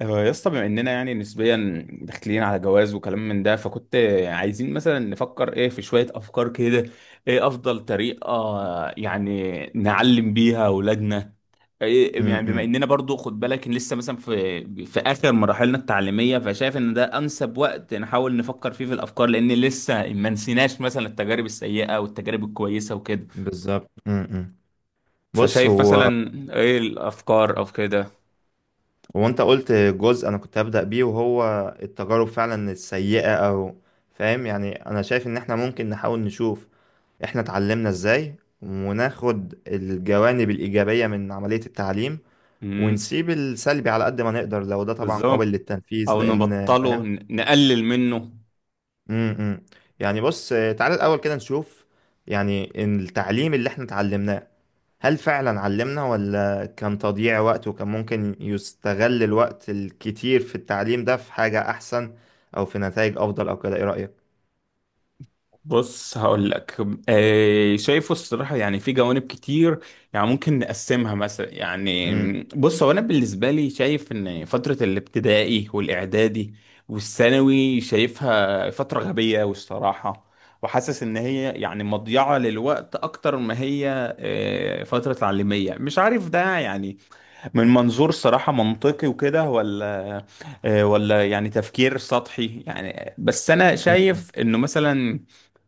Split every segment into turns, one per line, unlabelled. آه، يا اسطى، بما اننا يعني نسبيا داخلين على جواز وكلام من ده، فكنت عايزين مثلا نفكر، ايه في شوية افكار كده، ايه افضل طريقة يعني نعلم بيها اولادنا؟ إيه
امم
يعني بما
امم،
اننا برضو، خد بالك إن لسه مثلا في اخر مراحلنا التعليمية، فشايف ان ده انسب وقت نحاول نفكر فيه في الافكار، لان لسه ما نسيناش مثلا التجارب السيئة والتجارب الكويسة وكده.
بالظبط. بص
فشايف
هو
مثلا ايه الافكار او كده.
هو انت قلت جزء انا كنت هبدأ بيه، وهو التجارب فعلا السيئة او فاهم. يعني انا شايف ان احنا ممكن نحاول نشوف احنا اتعلمنا ازاي، وناخد الجوانب الإيجابية من عملية التعليم،
امم.
ونسيب السلبي على قد ما نقدر لو ده طبعا قابل
بالظبط.
للتنفيذ،
او
لان
نبطله،
فاهم.
نقلل منه.
امم امم. يعني بص، تعالى الاول كده نشوف، يعني التعليم اللي احنا اتعلمناه، هل فعلا علمنا ولا كان تضييع وقت، وكان ممكن يستغل الوقت الكتير في التعليم ده في حاجة أحسن أو في نتائج أفضل أو كده؟ إيه رأيك؟
بص هقول لك. شايفه الصراحه يعني في جوانب كتير، يعني ممكن نقسمها مثلا يعني.
مم،
بص، هو انا بالنسبه لي شايف ان فتره الابتدائي والاعدادي والثانوي شايفها فتره غبيه والصراحه، وحاسس ان هي يعني مضيعه للوقت اكتر ما هي فتره تعليميه. مش عارف ده يعني من منظور صراحة منطقي وكده، ولا ولا يعني تفكير سطحي، يعني بس أنا
مم،
شايف إنه مثلا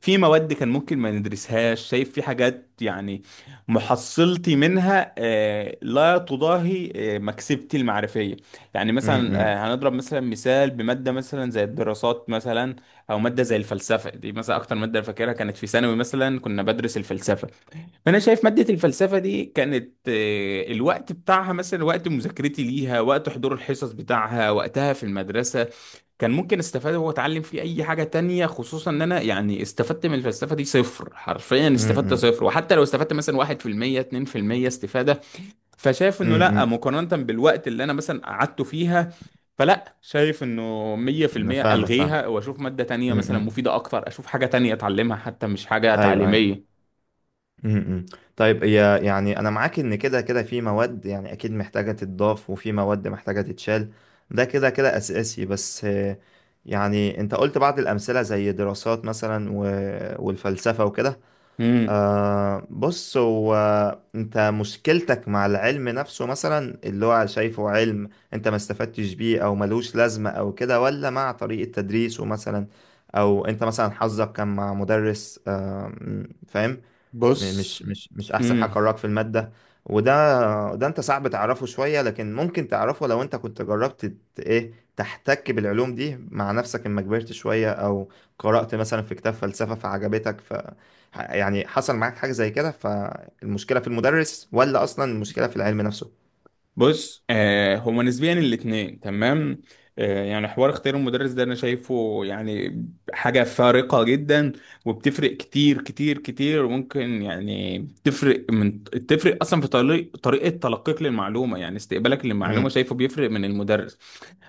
في مواد كان ممكن ما ندرسهاش. شايف في حاجات يعني محصلتي منها لا تضاهي مكسبتي المعرفية. يعني مثلا
مم،
هنضرب مثلا مثال بمادة مثلا زي الدراسات مثلا، أو مادة زي الفلسفة دي مثلا. أكتر مادة فاكرها كانت في ثانوي مثلا كنا بدرس الفلسفة. انا شايف ماده الفلسفه دي كانت الوقت بتاعها مثلا، وقت مذاكرتي ليها، وقت حضور الحصص بتاعها، وقتها في المدرسه كان ممكن استفاد واتعلم فيه اي حاجه تانية. خصوصا ان انا يعني استفدت من الفلسفه دي صفر، حرفيا استفدت
مم،
صفر. وحتى لو استفدت مثلا 1% 2% استفاده، فشايف انه
مم،
لا
مم.
مقارنه بالوقت اللي انا مثلا قعدته فيها. فلا، شايف انه
أنا
100%
فاهمك فاهم.
الغيها واشوف ماده تانية
مم،
مثلا
مم.
مفيده اكتر، اشوف حاجه تانية اتعلمها حتى مش حاجه
أيوه أيوه.
تعليميه.
مم، مم. طيب، هي يعني أنا معاك إن كده كده في مواد يعني أكيد محتاجة تتضاف، وفي مواد محتاجة تتشال. ده كده كده أساسي، بس يعني أنت قلت بعض الأمثلة زي دراسات مثلا، والفلسفة وكده.
امم.
بص هو، انت مشكلتك مع العلم نفسه مثلا اللي هو شايفه علم انت ما استفدتش بيه او ملوش لازمة او كده، ولا مع طريقة تدريسه مثلا؟ او انت مثلا حظك كان مع مدرس فاهم، م-
بص.
مش مش مش احسن حاجه
امم.
قراك في الماده. وده ده انت صعب تعرفه شويه، لكن ممكن تعرفه لو انت كنت جربت ايه، تحتك بالعلوم دي مع نفسك اما كبرت شويه، او قرات مثلا في كتاب فلسفه فعجبتك يعني حصل معاك حاجه زي كده، فالمشكله في المدرس ولا اصلا المشكله في العلم نفسه؟
بص هما نسبيا الاتنين، تمام. يعني حوار اختيار المدرس ده انا شايفه يعني حاجة فارقة جدا، وبتفرق كتير كتير كتير. وممكن يعني تفرق من، تفرق اصلا في طريقة تلقيك للمعلومة، يعني استقبالك للمعلومة
امم
شايفه بيفرق من المدرس.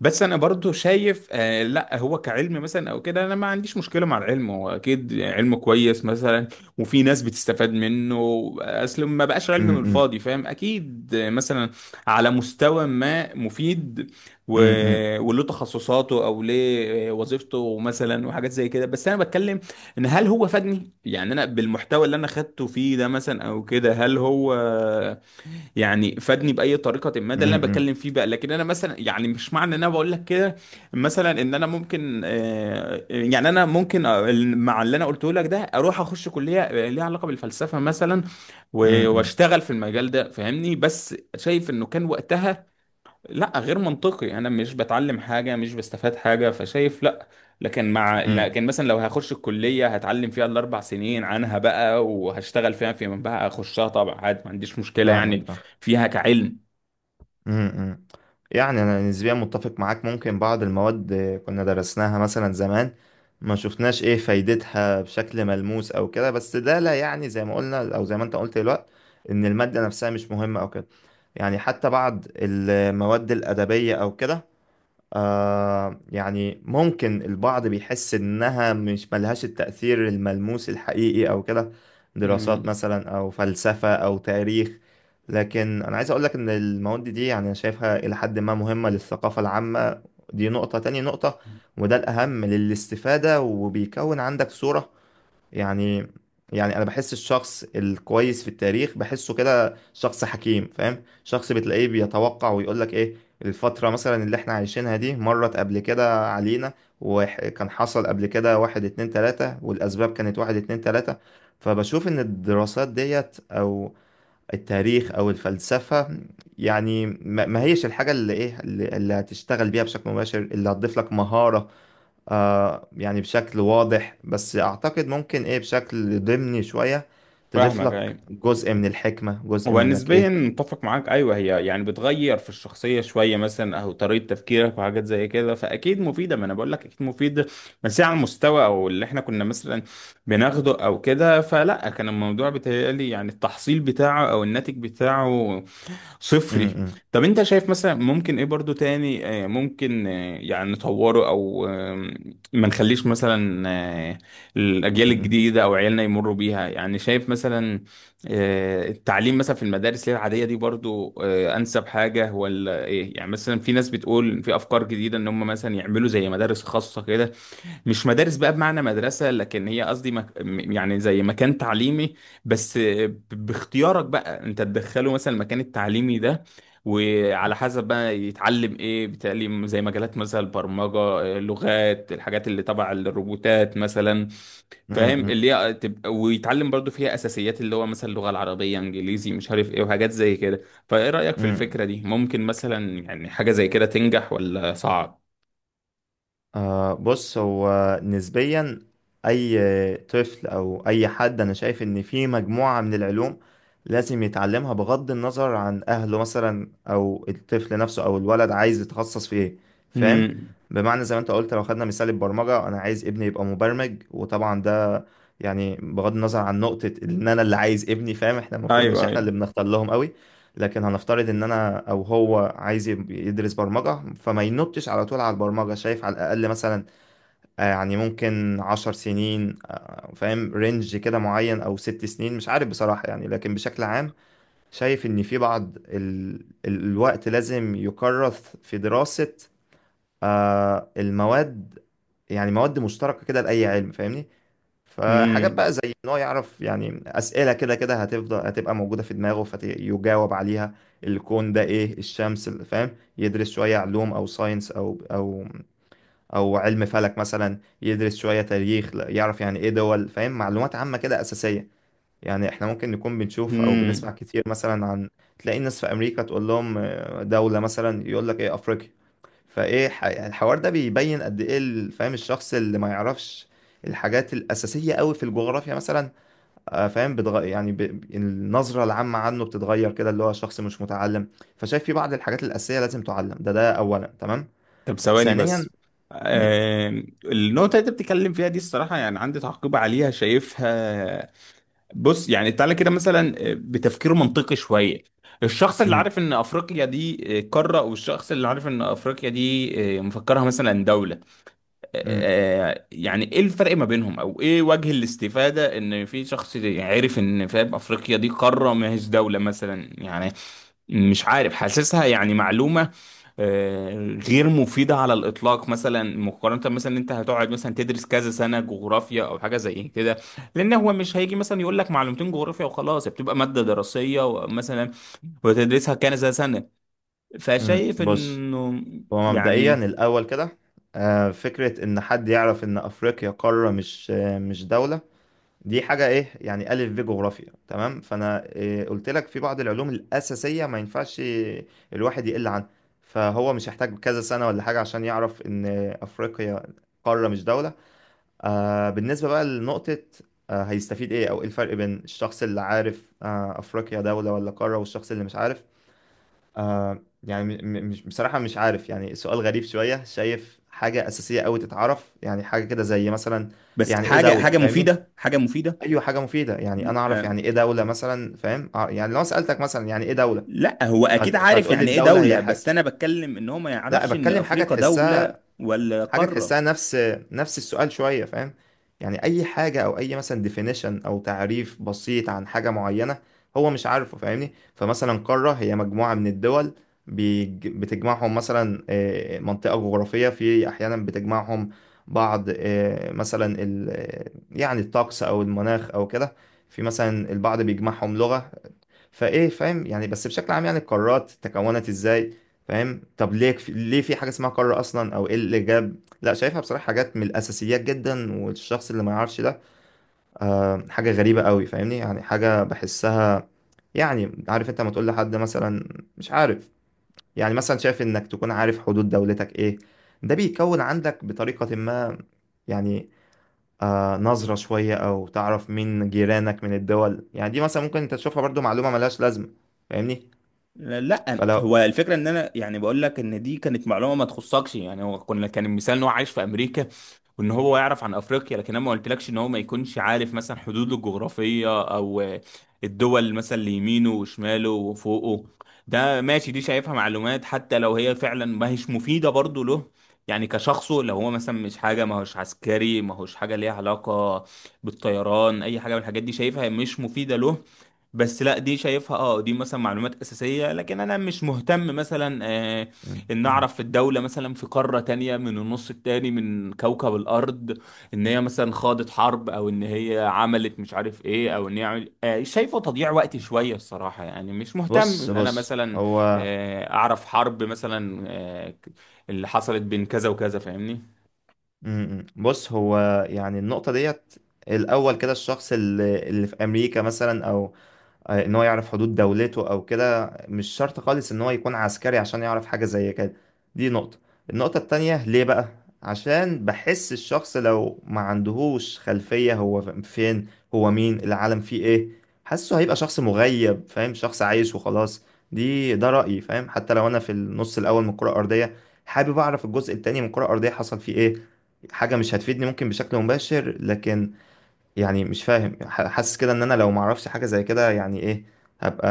بس انا برضو شايف لا، هو كعلم مثلا او كده انا ما عنديش مشكله مع العلم. هو اكيد علم كويس مثلا، وفي ناس بتستفاد منه، اصل ما بقاش علم من
امم
الفاضي، فاهم؟ اكيد مثلا على مستوى ما مفيد، و...
امم امم
وله تخصصاته او ليه وظيفته مثلا وحاجات زي كده. بس انا بتكلم ان هل هو فادني يعني انا بالمحتوى اللي انا خدته فيه ده مثلا او كده؟ هل هو يعني فادني باي طريقه ما؟ ده اللي انا
امم
بتكلم فيه بقى. لكن انا مثلا يعني مش معنى ان انا بقول لك كده مثلا ان انا ممكن يعني انا ممكن مع اللي انا قلته لك ده اروح اخش كليه ليها علاقه بالفلسفه مثلا
امم
واشتغل في المجال ده، فاهمني؟ بس شايف انه كان وقتها لا، غير منطقي، انا مش بتعلم حاجه، مش بستفاد حاجه، فشايف لا. لكن مع
امم
لكن مثلا لو هخش الكليه هتعلم فيها الاربع سنين عنها بقى، وهشتغل فيها فيما بقى، اخشها طبعا عادي، ما عنديش مشكله
فاهمك
يعني
فاهمك.
فيها كعلم.
امم يعني انا نسبيا متفق معاك، ممكن بعض المواد كنا درسناها مثلا زمان، ما شفناش ايه فايدتها بشكل ملموس او كده، بس ده لا يعني زي ما قلنا او زي ما انت قلت دلوقتي ان المادة نفسها مش مهمة او كده. يعني حتى بعض المواد الأدبية او كده، يعني ممكن البعض بيحس إنها مش ملهاش التأثير الملموس الحقيقي أو كده، دراسات
مم.
مثلا أو فلسفة أو تاريخ. لكن أنا عايز أقولك إن المواد دي يعني أنا شايفها إلى حد ما مهمة للثقافة العامة. دي نقطة، تاني نقطة وده الأهم للاستفادة، وبيكون عندك صورة. يعني، يعني انا بحس الشخص الكويس في التاريخ بحسه كده شخص حكيم فاهم، شخص بتلاقيه بيتوقع ويقول لك ايه الفترة مثلا اللي احنا عايشينها دي، مرت قبل كده علينا، وكان حصل قبل كده واحد اتنين تلاتة، والاسباب كانت واحد اتنين تلاتة. فبشوف ان الدراسات ديت او التاريخ او الفلسفة، يعني ما هيش الحاجة اللي ايه اللي اللي هتشتغل بيها بشكل مباشر، اللي هتضيف لك مهارة يعني بشكل واضح، بس اعتقد ممكن ايه بشكل ضمني شوية تضيف
فاهمك،
لك
ايوه.
جزء من الحكمة، جزء
هو
منك
نسبيا
ايه.
متفق معاك، ايوه. هي يعني بتغير في الشخصيه شويه مثلا، او طريقه تفكيرك وحاجات زي كده، فاكيد مفيده، ما انا بقول لك اكيد مفيده. بس هي على المستوى او اللي احنا كنا مثلا بناخده او كده، فلا، كان الموضوع بيتهيألي يعني التحصيل بتاعه او الناتج بتاعه
م-
صفري.
م-
طب انت شايف مثلا ممكن ايه برضو تاني، ممكن يعني نطوره، او ما نخليش مثلا الاجيال
م-
الجديده او عيالنا يمروا بيها؟ يعني شايف مثلا التعليم مثلا في المدارس اللي هي العاديه دي برضو انسب حاجه، ولا ايه؟ يعني مثلا في ناس بتقول في افكار جديده ان هم مثلا يعملوا زي مدارس خاصه كده. مش مدارس بقى بمعنى مدرسة، لكن هي قصدي يعني زي مكان تعليمي، بس باختيارك بقى انت تدخله مثلا المكان التعليمي ده. وعلى حسب بقى يتعلم ايه، بتعليم زي مجالات مثلا البرمجة، لغات، الحاجات اللي تبع الروبوتات مثلا،
م-
فاهم؟
م-
اللي هي تبقى، ويتعلم برضو فيها اساسيات اللي هو مثلا اللغة العربية، انجليزي، مش عارف ايه وحاجات زي كده. فايه رأيك
م-
في
م-
الفكرة دي؟ ممكن مثلا يعني حاجة زي كده تنجح ولا صعب؟
بص، هو نسبيا أي طفل أو أي حد، أنا شايف إن في مجموعة من العلوم لازم يتعلمها بغض النظر عن أهله مثلا أو الطفل نفسه أو الولد عايز يتخصص في إيه، فاهم.
امم.
بمعنى زي ما أنت قلت، لو خدنا مثال البرمجة، أنا عايز ابني يبقى مبرمج، وطبعا ده يعني بغض النظر عن نقطة إن أنا اللي عايز ابني، فاهم، إحنا المفروض مش
ايوه،
إحنا
ايوه.
اللي بنختار لهم. لكن هنفترض ان انا او هو عايز يدرس برمجة، فما ينطش على طول على البرمجة. شايف على الاقل مثلا يعني ممكن 10 سنين، فاهم رينج كده معين، او 6 سنين، مش عارف بصراحة. يعني لكن بشكل عام، شايف ان في بعض الوقت لازم يكرس في دراسة المواد، يعني مواد مشتركة كده لأي علم فاهمني. فحاجات
امم.
بقى زي ان هو يعرف، يعني اسئله كده كده هتفضل هتبقى موجوده في دماغه فيجاوب عليها: الكون ده ايه، الشمس فاهم، يدرس شويه علوم او ساينس او او علم فلك مثلا، يدرس شويه تاريخ يعرف يعني ايه دول، فاهم، معلومات عامه كده اساسيه. يعني احنا ممكن نكون بنشوف او
مم.
بنسمع كتير مثلا عن تلاقي الناس في امريكا تقول لهم دوله مثلا، يقول لك ايه افريقيا. فايه يعني الحوار ده بيبين قد ايه فاهم الشخص اللي ما يعرفش الحاجات الاساسيه قوي في الجغرافيا مثلا، فاهم النظره العامه عنه بتتغير كده، اللي هو شخص مش متعلم. فشايف في بعض الحاجات الاساسيه لازم تعلم، ده ده اولا، تمام.
طب ثواني
ثانيا،
بس.
مم،
النقطة اللي انت بتتكلم فيها دي الصراحة يعني عندي تعقيب عليها. شايفها، بص، يعني تعالى كده مثلا بتفكير منطقي شوية. الشخص اللي
مم،
عارف ان افريقيا دي قارة، والشخص اللي عارف ان افريقيا دي آه، مفكرها مثلا دولة،
مم،
يعني ايه الفرق ما بينهم، او ايه وجه الاستفادة ان في شخص عارف ان، فاهم، افريقيا دي قارة ما هيش دولة مثلا؟ يعني مش عارف، حاسسها يعني معلومة آه، غير مفيدة على الإطلاق مثلا، مقارنة مثلا إن أنت هتقعد مثلا تدرس كذا سنة جغرافيا أو حاجة زي كده. لأن هو مش هيجي مثلا يقول لك معلومتين جغرافيا وخلاص، بتبقى مادة دراسية مثلا وتدرسها كذا سنة. فشايف
بص،
إنه
هو مبدئيا
يعني
الاول كده فكره ان حد يعرف ان افريقيا قاره مش مش دوله، دي حاجة ايه يعني، ألف ب جغرافيا، تمام. فأنا إيه قلت لك في بعض العلوم الأساسية ما ينفعش الواحد يقل عنها. فهو مش هيحتاج كذا سنة ولا حاجة عشان يعرف إن أفريقيا قارة مش دولة. بالنسبة بقى لنقطة هيستفيد ايه، أو ايه الفرق بين الشخص اللي عارف أفريقيا دولة ولا قارة، والشخص اللي مش عارف، يعني مش بصراحة، مش عارف. يعني سؤال غريب شوية، شايف حاجة أساسية أوي تتعرف يعني، حاجة كده زي مثلا
بس،
يعني ايه
حاجة،
دولة
حاجة
فاهمني.
مفيدة، حاجة مفيدة
ايوه، حاجه مفيده، يعني انا اعرف
آه،
يعني ايه دوله مثلا، فاهم يعني لو سالتك مثلا يعني ايه دوله،
لا، هو أكيد عارف
فهتقول لي
يعني إيه
الدوله هي
دولة، بس
حاجه،
أنا بتكلم إن هو ما
لا،
يعرفش إن
بتكلم حاجه
أفريقيا
تحسها،
دولة ولا
حاجة
قارة.
تحسها. نفس السؤال شوية فاهم، يعني أي حاجة أو أي مثلا definition أو تعريف بسيط عن حاجة معينة هو مش عارفه فاهمني. فمثلا قارة هي مجموعة من الدول بتجمعهم مثلا منطقة جغرافية، في أحيانا بتجمعهم بعض مثلا يعني الطقس أو المناخ أو كده، في مثلا البعض بيجمعهم لغة. فايه، فاهم، يعني بس بشكل عام يعني القارات تكونت ازاي، فاهم، طب ليه ليه في حاجه اسمها قاره اصلا، او ايه اللي جاب. لا، شايفها بصراحه حاجات من الاساسيات جدا، والشخص اللي ما يعرفش ده حاجه غريبه قوي فاهمني، يعني حاجه بحسها. يعني عارف انت لما تقول لحد مثلا مش عارف، يعني مثلا شايف انك تكون عارف حدود دولتك ايه، ده بيكون عندك بطريقه ما، يعني نظرة شوية، أو تعرف مين جيرانك من الدول، يعني دي مثلا ممكن أنت تشوفها برضو معلومة ملهاش لازمة فاهمني.
لا هو
فلو،
الفكره ان انا يعني بقول لك ان دي كانت معلومه ما تخصكش، يعني هو كنا كان المثال ان هو عايش في امريكا، وان هو يعرف عن افريقيا. لكن انا ما قلتلكش ان هو ما يكونش عارف مثلا حدوده الجغرافيه او الدول مثلا اللي يمينه وشماله وفوقه. ده ماشي، دي شايفها معلومات حتى لو هي فعلا ما هيش مفيده برضه له، يعني كشخصه. لو هو مثلا مش حاجه، ما هوش عسكري، ما هوش حاجه ليها علاقه بالطيران، اي حاجه من الحاجات دي، شايفها مش مفيده له. بس لا، دي شايفها اه دي مثلا معلومات اساسيه. لكن انا مش مهتم مثلا
مم.
ان
مم.
اعرف في الدوله مثلا في قاره تانية من النص التاني من كوكب الارض ان هي مثلا خاضت حرب، او ان هي عملت مش عارف ايه، او ان هي عمل... آه شايفه تضييع وقت شويه الصراحه. يعني مش مهتم
بص
ان انا
بص
مثلا
هو
اعرف حرب مثلا اللي حصلت بين كذا وكذا، فاهمني؟
مم. بص هو، يعني النقطة ديت الأول كده، الشخص اللي في أمريكا مثلا أو ان هو يعرف حدود دولته او كده، مش شرط خالص ان هو يكون عسكري عشان يعرف حاجة زي كده، دي نقطة. النقطة التانية ليه بقى، عشان بحس الشخص لو ما عندهوش خلفية هو فين، هو مين، العالم فيه ايه، حاسه هيبقى شخص مغيب فاهم، شخص عايش وخلاص. دي ده رأيي، فاهم. حتى لو انا في النص الاول من الكرة الارضية، حابب اعرف الجزء التاني من الكرة الارضية حصل فيه ايه. حاجة مش هتفيدني ممكن بشكل مباشر، لكن يعني مش فاهم حاسس كده ان انا لو معرفش حاجة زي كده، يعني ايه هبقى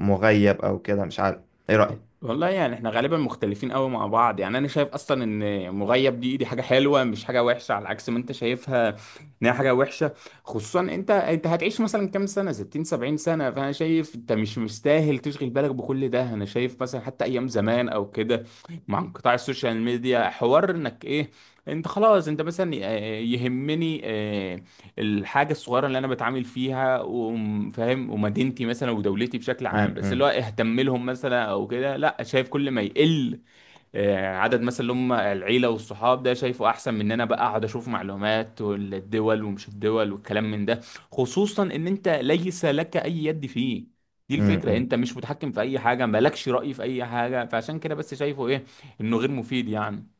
مغيب او كده، مش عارف. ايه رأيك؟
والله يعني احنا غالبا مختلفين قوي مع بعض. يعني انا شايف اصلا ان مغيب دي حاجه حلوه، مش حاجه وحشه، على عكس ما انت شايفها ان هي حاجه وحشه. خصوصا انت هتعيش مثلا كام سنه؟ 60 70 سنه، فانا شايف انت مش مستاهل تشغل بالك بكل ده. انا شايف مثلا حتى ايام زمان او كده، مع انقطاع السوشيال ميديا، حوار انك ايه، انت خلاص انت مثلا يهمني الحاجه الصغيره اللي انا بتعامل فيها، وفاهم، ومدينتي مثلا ودولتي بشكل عام، بس اللي هو
إمم،
اهتم لهم مثلا او كده. لا، شايف كل ما يقل عدد مثلا اللي هم العيله والصحاب، ده شايفه احسن من ان انا بقى اقعد اشوف معلومات والدول ومش الدول والكلام من ده، خصوصا ان انت ليس لك اي يد فيه. دي
إمم،
الفكره،
إمم.
انت مش متحكم في اي حاجه، مالكش راي في اي حاجه، فعشان كده بس شايفه ايه انه غير مفيد يعني.